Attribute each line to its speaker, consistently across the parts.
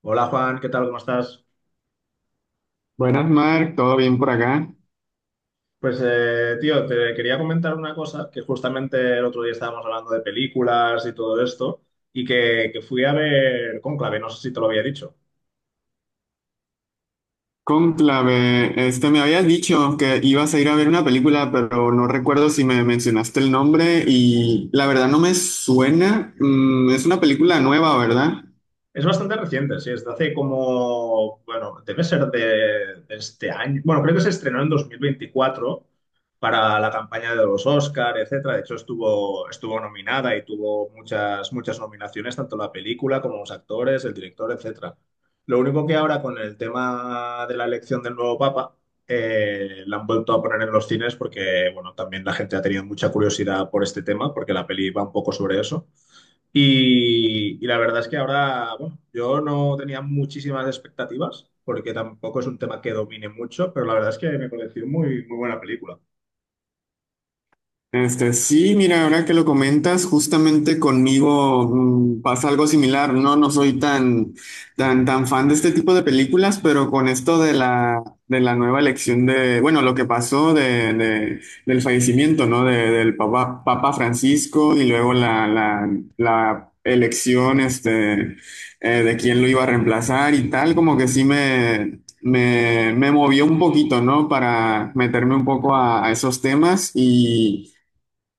Speaker 1: Hola Juan, ¿qué tal? ¿Cómo estás?
Speaker 2: Buenas, Mark, ¿todo bien por acá?
Speaker 1: Pues tío, te quería comentar una cosa que justamente el otro día estábamos hablando de películas y todo esto y que fui a ver Cónclave, no sé si te lo había dicho.
Speaker 2: Cónclave, me habías dicho que ibas a ir a ver una película, pero no recuerdo si me mencionaste el nombre y la verdad no me suena. Es una película nueva, ¿verdad?
Speaker 1: Es bastante reciente, sí, es de hace como, bueno, debe ser de este año. Bueno, creo que se estrenó en 2024 para la campaña de los Oscar, etcétera. De hecho, estuvo nominada y tuvo muchas nominaciones, tanto la película como los actores, el director, etcétera. Lo único que ahora con el tema de la elección del nuevo Papa, la han vuelto a poner en los cines porque, bueno, también la gente ha tenido mucha curiosidad por este tema, porque la peli va un poco sobre eso. Y la verdad es que ahora, bueno, yo no tenía muchísimas expectativas, porque tampoco es un tema que domine mucho, pero la verdad es que me pareció muy, muy buena película.
Speaker 2: Sí, mira, ahora que lo comentas, justamente conmigo pasa algo similar. No, no soy tan fan de este tipo de películas, pero con esto de la nueva elección de, bueno, lo que pasó del fallecimiento, ¿no? Del Papa, Papa Francisco y luego la elección, de quién lo iba a reemplazar y tal, como que sí me movió un poquito, ¿no? Para meterme un poco a esos temas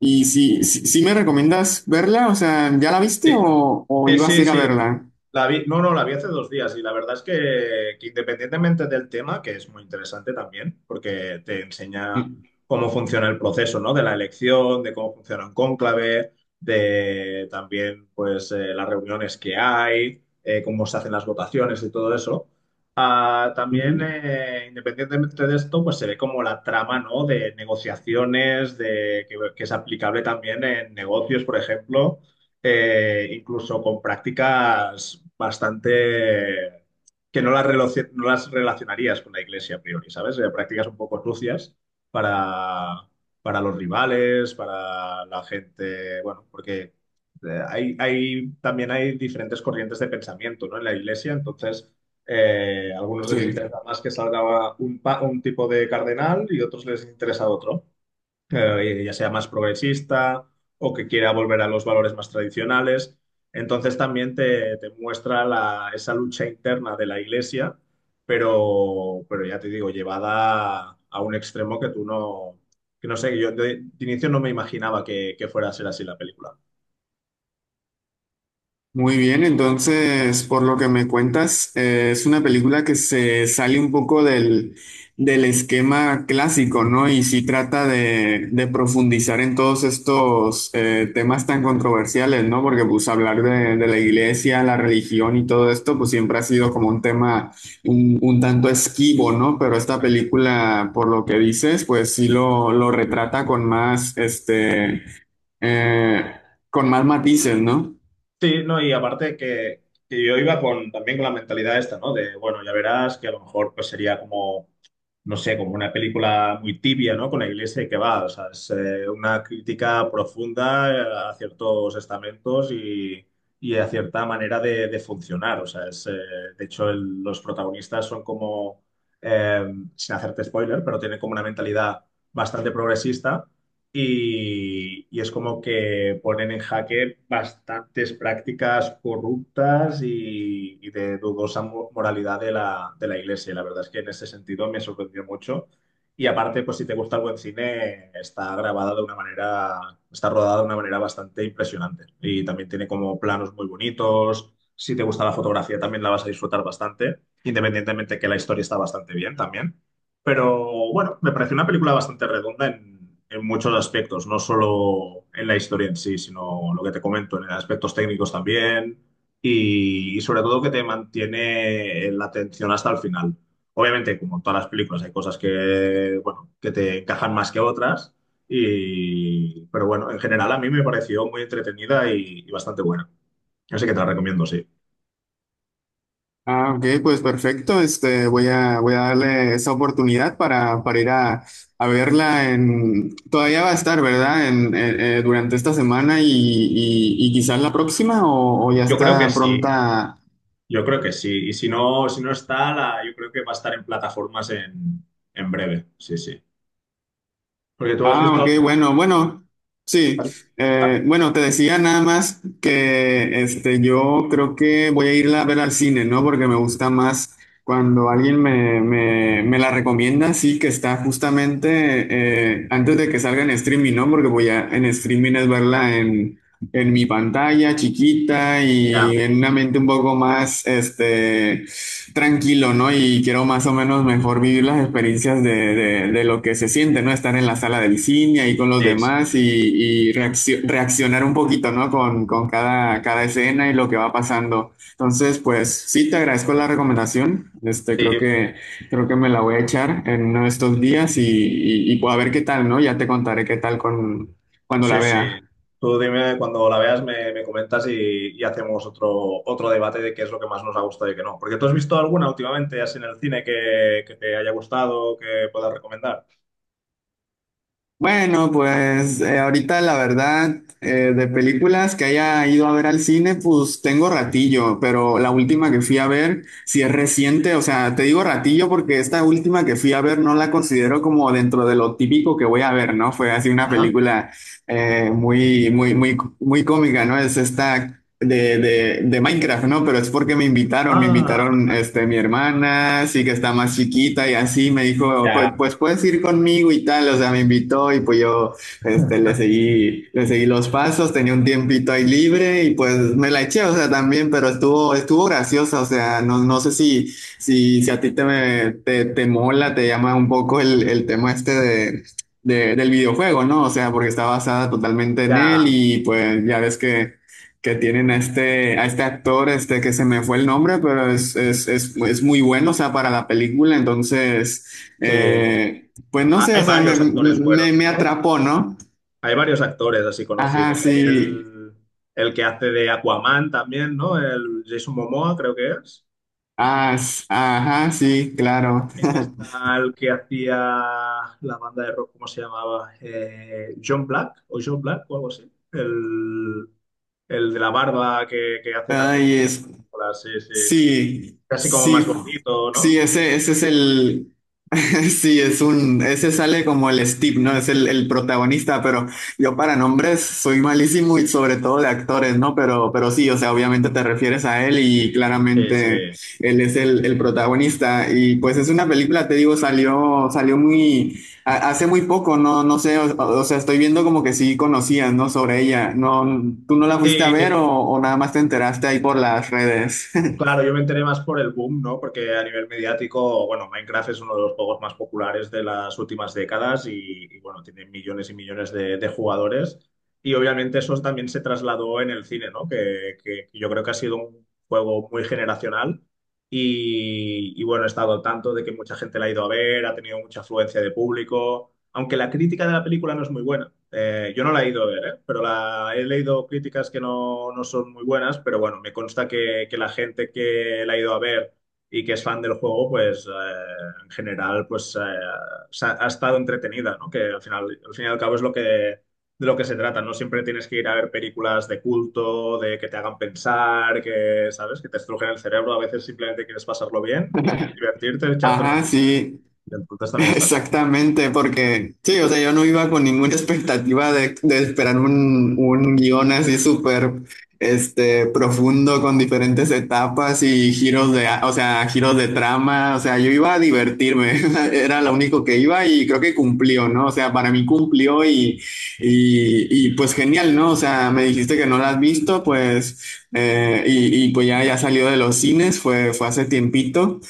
Speaker 2: y si me recomiendas verla, o sea, ¿ya la viste
Speaker 1: Sí,
Speaker 2: o
Speaker 1: sí,
Speaker 2: ibas a
Speaker 1: sí,
Speaker 2: ir a
Speaker 1: sí,
Speaker 2: verla?
Speaker 1: la vi, no, no, la vi hace dos días y la verdad es que independientemente del tema, que es muy interesante también, porque te enseña
Speaker 2: Mm,
Speaker 1: cómo funciona el proceso, ¿no? De la elección, de cómo funciona un cónclave, de también, pues, las reuniones que hay, cómo se hacen las votaciones y todo eso. Ah,
Speaker 2: ujú.
Speaker 1: también, independientemente de esto, pues se ve como la trama, ¿no? De negociaciones, de, que es aplicable también en negocios, por ejemplo incluso con prácticas bastante que no las, no las relacionarías con la iglesia a priori, ¿sabes? Prácticas un poco sucias para, para los rivales, para la gente, bueno, porque hay, también hay diferentes corrientes de pensamiento, ¿no? En la iglesia, entonces a algunos les
Speaker 2: Sí.
Speaker 1: interesa más que salga un tipo de cardenal y otros les interesa otro ya sea más progresista o que quiera volver a los valores más tradicionales. Entonces también te muestra esa lucha interna de la iglesia, pero ya te digo, llevada a un extremo que no sé, yo de inicio no me imaginaba que fuera a ser así la película.
Speaker 2: Muy bien, entonces, por lo que me cuentas, es una película que se sale un poco del esquema clásico, ¿no? Y sí trata de profundizar en todos estos temas tan controversiales, ¿no? Porque pues hablar de la iglesia, la religión y todo esto, pues siempre ha sido como un tema un tanto esquivo, ¿no? Pero esta película, por lo que dices, pues sí lo retrata con más, eh, con más matices, ¿no?
Speaker 1: Sí, no, y aparte que yo iba con, también con la mentalidad esta, ¿no? De, bueno, ya verás que a lo mejor pues sería como no sé, como una película muy tibia, ¿no? Con la iglesia que va, o sea, es una crítica profunda a ciertos estamentos y a cierta manera de funcionar, o sea, es, de hecho los protagonistas son como, eh, sin hacerte spoiler, pero tienen como una mentalidad bastante progresista y es como que ponen en jaque bastantes prácticas corruptas y de dudosa moralidad de de la iglesia. Y la verdad es que en ese sentido me sorprendió mucho. Y aparte, pues si te gusta el buen cine, está grabada de una manera, está rodada de una manera bastante impresionante. Y también tiene como planos muy bonitos. Si te gusta la fotografía, también la vas a disfrutar bastante, independientemente que la historia está bastante bien también. Pero bueno, me pareció una película bastante redonda en muchos aspectos, no solo en la historia en sí, sino lo que te comento, en aspectos técnicos también y sobre todo que te mantiene la atención hasta el final. Obviamente, como en todas las películas, hay cosas que, bueno, que te encajan más que otras, pero bueno, en general a mí me pareció muy entretenida y bastante buena. Así que te la recomiendo, sí.
Speaker 2: Ah, ok, pues perfecto. Voy a darle esa oportunidad para ir a verla en, todavía va a estar, ¿verdad? Durante esta semana y quizás la próxima o ya
Speaker 1: Yo creo que
Speaker 2: está
Speaker 1: sí.
Speaker 2: pronta.
Speaker 1: Yo creo que sí. Y si no, yo creo que va a estar en plataformas en breve. Sí, sí. Porque tú has
Speaker 2: Ah, ok,
Speaker 1: visto.
Speaker 2: bueno, bueno, sí.
Speaker 1: Ah,
Speaker 2: Bueno, te decía nada más que yo creo que voy a irla a ver al cine, ¿no? Porque me gusta más cuando alguien me la recomienda, sí, que está justamente antes de que salga en streaming, ¿no? Porque voy a en streaming es verla en mi pantalla chiquita
Speaker 1: ya,
Speaker 2: y en una mente un poco más tranquilo, ¿no? Y quiero más o menos mejor vivir las experiencias de, de lo que se siente, ¿no? Estar en la sala del cine ahí con los
Speaker 1: sí, sí.
Speaker 2: demás y reaccionar un poquito, ¿no? Con cada, cada escena y lo que va pasando. Entonces, pues sí, te agradezco la recomendación.
Speaker 1: Sí,
Speaker 2: Creo que me la voy a echar en uno de estos días y, pues, a ver qué tal, ¿no? Ya te contaré qué tal con, cuando la
Speaker 1: sí,
Speaker 2: vea.
Speaker 1: sí. Tú dime cuando la veas, me comentas y hacemos otro, otro debate de qué es lo que más nos ha gustado y qué no. Porque tú has visto alguna últimamente, así en el cine, que te haya gustado, que puedas recomendar.
Speaker 2: Bueno, pues ahorita la verdad, de películas que haya ido a ver al cine, pues tengo ratillo, pero la última que fui a ver, si es reciente, o sea, te digo ratillo porque esta última que fui a ver no la considero como dentro de lo típico que voy a ver, ¿no? Fue así una
Speaker 1: Ajá.
Speaker 2: película muy cómica, ¿no? Es esta de Minecraft, ¿no? Pero es porque me
Speaker 1: Ah,
Speaker 2: invitaron
Speaker 1: vale.
Speaker 2: mi hermana, sí que está más chiquita y así me dijo, pues,
Speaker 1: Ya,
Speaker 2: pues puedes ir conmigo y tal, o sea, me invitó y pues yo le seguí los pasos, tenía un tiempito ahí libre y pues me la eché, o sea, también, pero estuvo, estuvo graciosa, o sea, no, no sé si a ti te mola, te llama un poco el tema este de... del videojuego, ¿no? O sea, porque está basada totalmente en él
Speaker 1: ya.
Speaker 2: y pues ya ves que tienen a este actor, que se me fue el nombre, pero es muy bueno, o sea, para la película. Entonces,
Speaker 1: Sí.
Speaker 2: pues no
Speaker 1: Ah,
Speaker 2: sé,
Speaker 1: hay
Speaker 2: o sea,
Speaker 1: varios actores buenos,
Speaker 2: me
Speaker 1: ¿no?
Speaker 2: atrapó, ¿no?
Speaker 1: Hay varios actores así
Speaker 2: Ajá,
Speaker 1: conocidos. Hay
Speaker 2: sí.
Speaker 1: el que hace de Aquaman también, ¿no? El Jason Momoa, creo que es.
Speaker 2: Ah, s- ajá, sí, claro.
Speaker 1: También está el que hacía la banda de rock, ¿cómo se llamaba? John Black o algo así. El de la barba que hace también.
Speaker 2: Ay, es,
Speaker 1: Sí, sí.
Speaker 2: sí,
Speaker 1: Casi como
Speaker 2: sí,
Speaker 1: más gordito, ¿no?
Speaker 2: sí, ese es el, sí, es un, ese sale como el Steve, ¿no? Es el protagonista, pero yo para nombres soy malísimo y sobre todo de actores, ¿no? Pero sí, o sea, obviamente te refieres a él y
Speaker 1: Sí, sí.
Speaker 2: claramente él es el protagonista y pues es una película, te digo, salió, salió muy, hace muy poco, no, no sé, o sea, estoy viendo como que sí conocías, ¿no? Sobre ella, ¿no? ¿Tú no la fuiste a ver
Speaker 1: Sí,
Speaker 2: o nada más te enteraste ahí por las redes?
Speaker 1: claro, yo me enteré más por el boom, ¿no? Porque a nivel mediático, bueno, Minecraft es uno de los juegos más populares de las últimas décadas y, bueno, tiene millones y millones de jugadores. Y obviamente eso también se trasladó en el cine, ¿no? Que yo creo que ha sido un juego muy generacional y, bueno, he estado al tanto de que mucha gente la ha ido a ver, ha tenido mucha afluencia de público aunque la crítica de la película no es muy buena. Yo no la he ido a ver, ¿eh? Pero la, he leído críticas que no, no son muy buenas, pero bueno, me consta que la gente que la ha ido a ver y que es fan del juego, pues en general, pues ha estado entretenida, ¿no? Que al final, al fin y al cabo es lo que, de lo que se trata, no siempre tienes que ir a ver películas de culto, de que te hagan pensar, que, ¿sabes? Que te estrujen el cerebro, a veces simplemente quieres pasarlo bien, divertirte, echarte unas
Speaker 2: Ajá,
Speaker 1: risas,
Speaker 2: sí.
Speaker 1: y entonces también está bien.
Speaker 2: Exactamente, porque sí, o sea, yo no iba con ninguna expectativa de esperar un guión así súper profundo con diferentes etapas y giros de, o sea, giros de trama, o sea, yo iba a divertirme, era lo
Speaker 1: Ah,
Speaker 2: único que iba y creo que cumplió, ¿no? O sea, para mí cumplió y, pues genial, ¿no? O sea, me dijiste que no la has visto, pues, y pues ya, ya salió de los cines, fue, fue hace tiempito,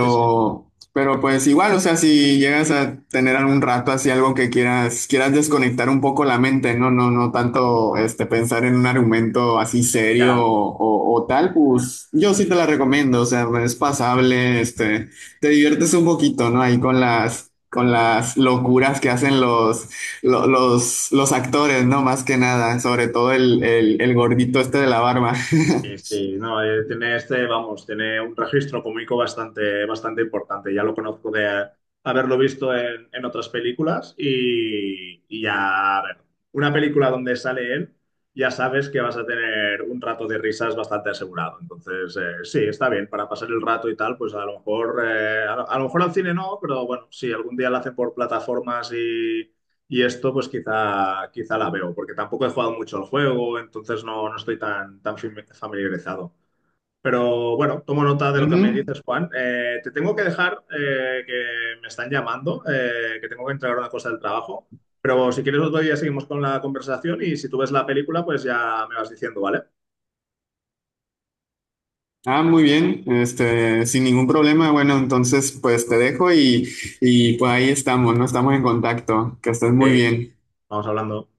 Speaker 1: sí, sí.
Speaker 2: Pero pues igual, o sea, si llegas a tener algún rato así algo que quieras, quieras desconectar un poco la mente, no, no, no tanto este pensar en un argumento así serio
Speaker 1: Ya,
Speaker 2: o, o tal, pues yo sí te la recomiendo, o sea, es pasable, te diviertes un poquito, ¿no? Ahí con las locuras que hacen los, los actores, ¿no? Más que nada, sobre todo el gordito este de la barba.
Speaker 1: sí, sí, no, tiene este, vamos, tiene un registro cómico bastante, bastante importante. Ya lo conozco de haberlo visto en otras películas y ya, a ver, una película donde sale él, ya sabes que vas a tener un rato de risas bastante asegurado. Entonces, sí, está bien, para pasar el rato y tal, pues a lo mejor, a lo mejor al cine no, pero bueno, si algún día lo hacen por plataformas y esto pues quizá, quizá la veo, porque tampoco he jugado mucho el juego, entonces no, no estoy tan, tan familiarizado. Pero bueno, tomo nota de lo que me
Speaker 2: Ujú.
Speaker 1: dices, Juan. Te tengo que dejar, que me están llamando, que tengo que entregar una cosa del trabajo. Pero si quieres otro día seguimos con la conversación y si tú ves la película, pues ya me vas diciendo, ¿vale?
Speaker 2: Ah, muy bien, sin ningún problema. Bueno, entonces pues te dejo y pues ahí estamos, ¿no? Estamos en contacto. Que estés
Speaker 1: Ok,
Speaker 2: muy bien.
Speaker 1: vamos hablando.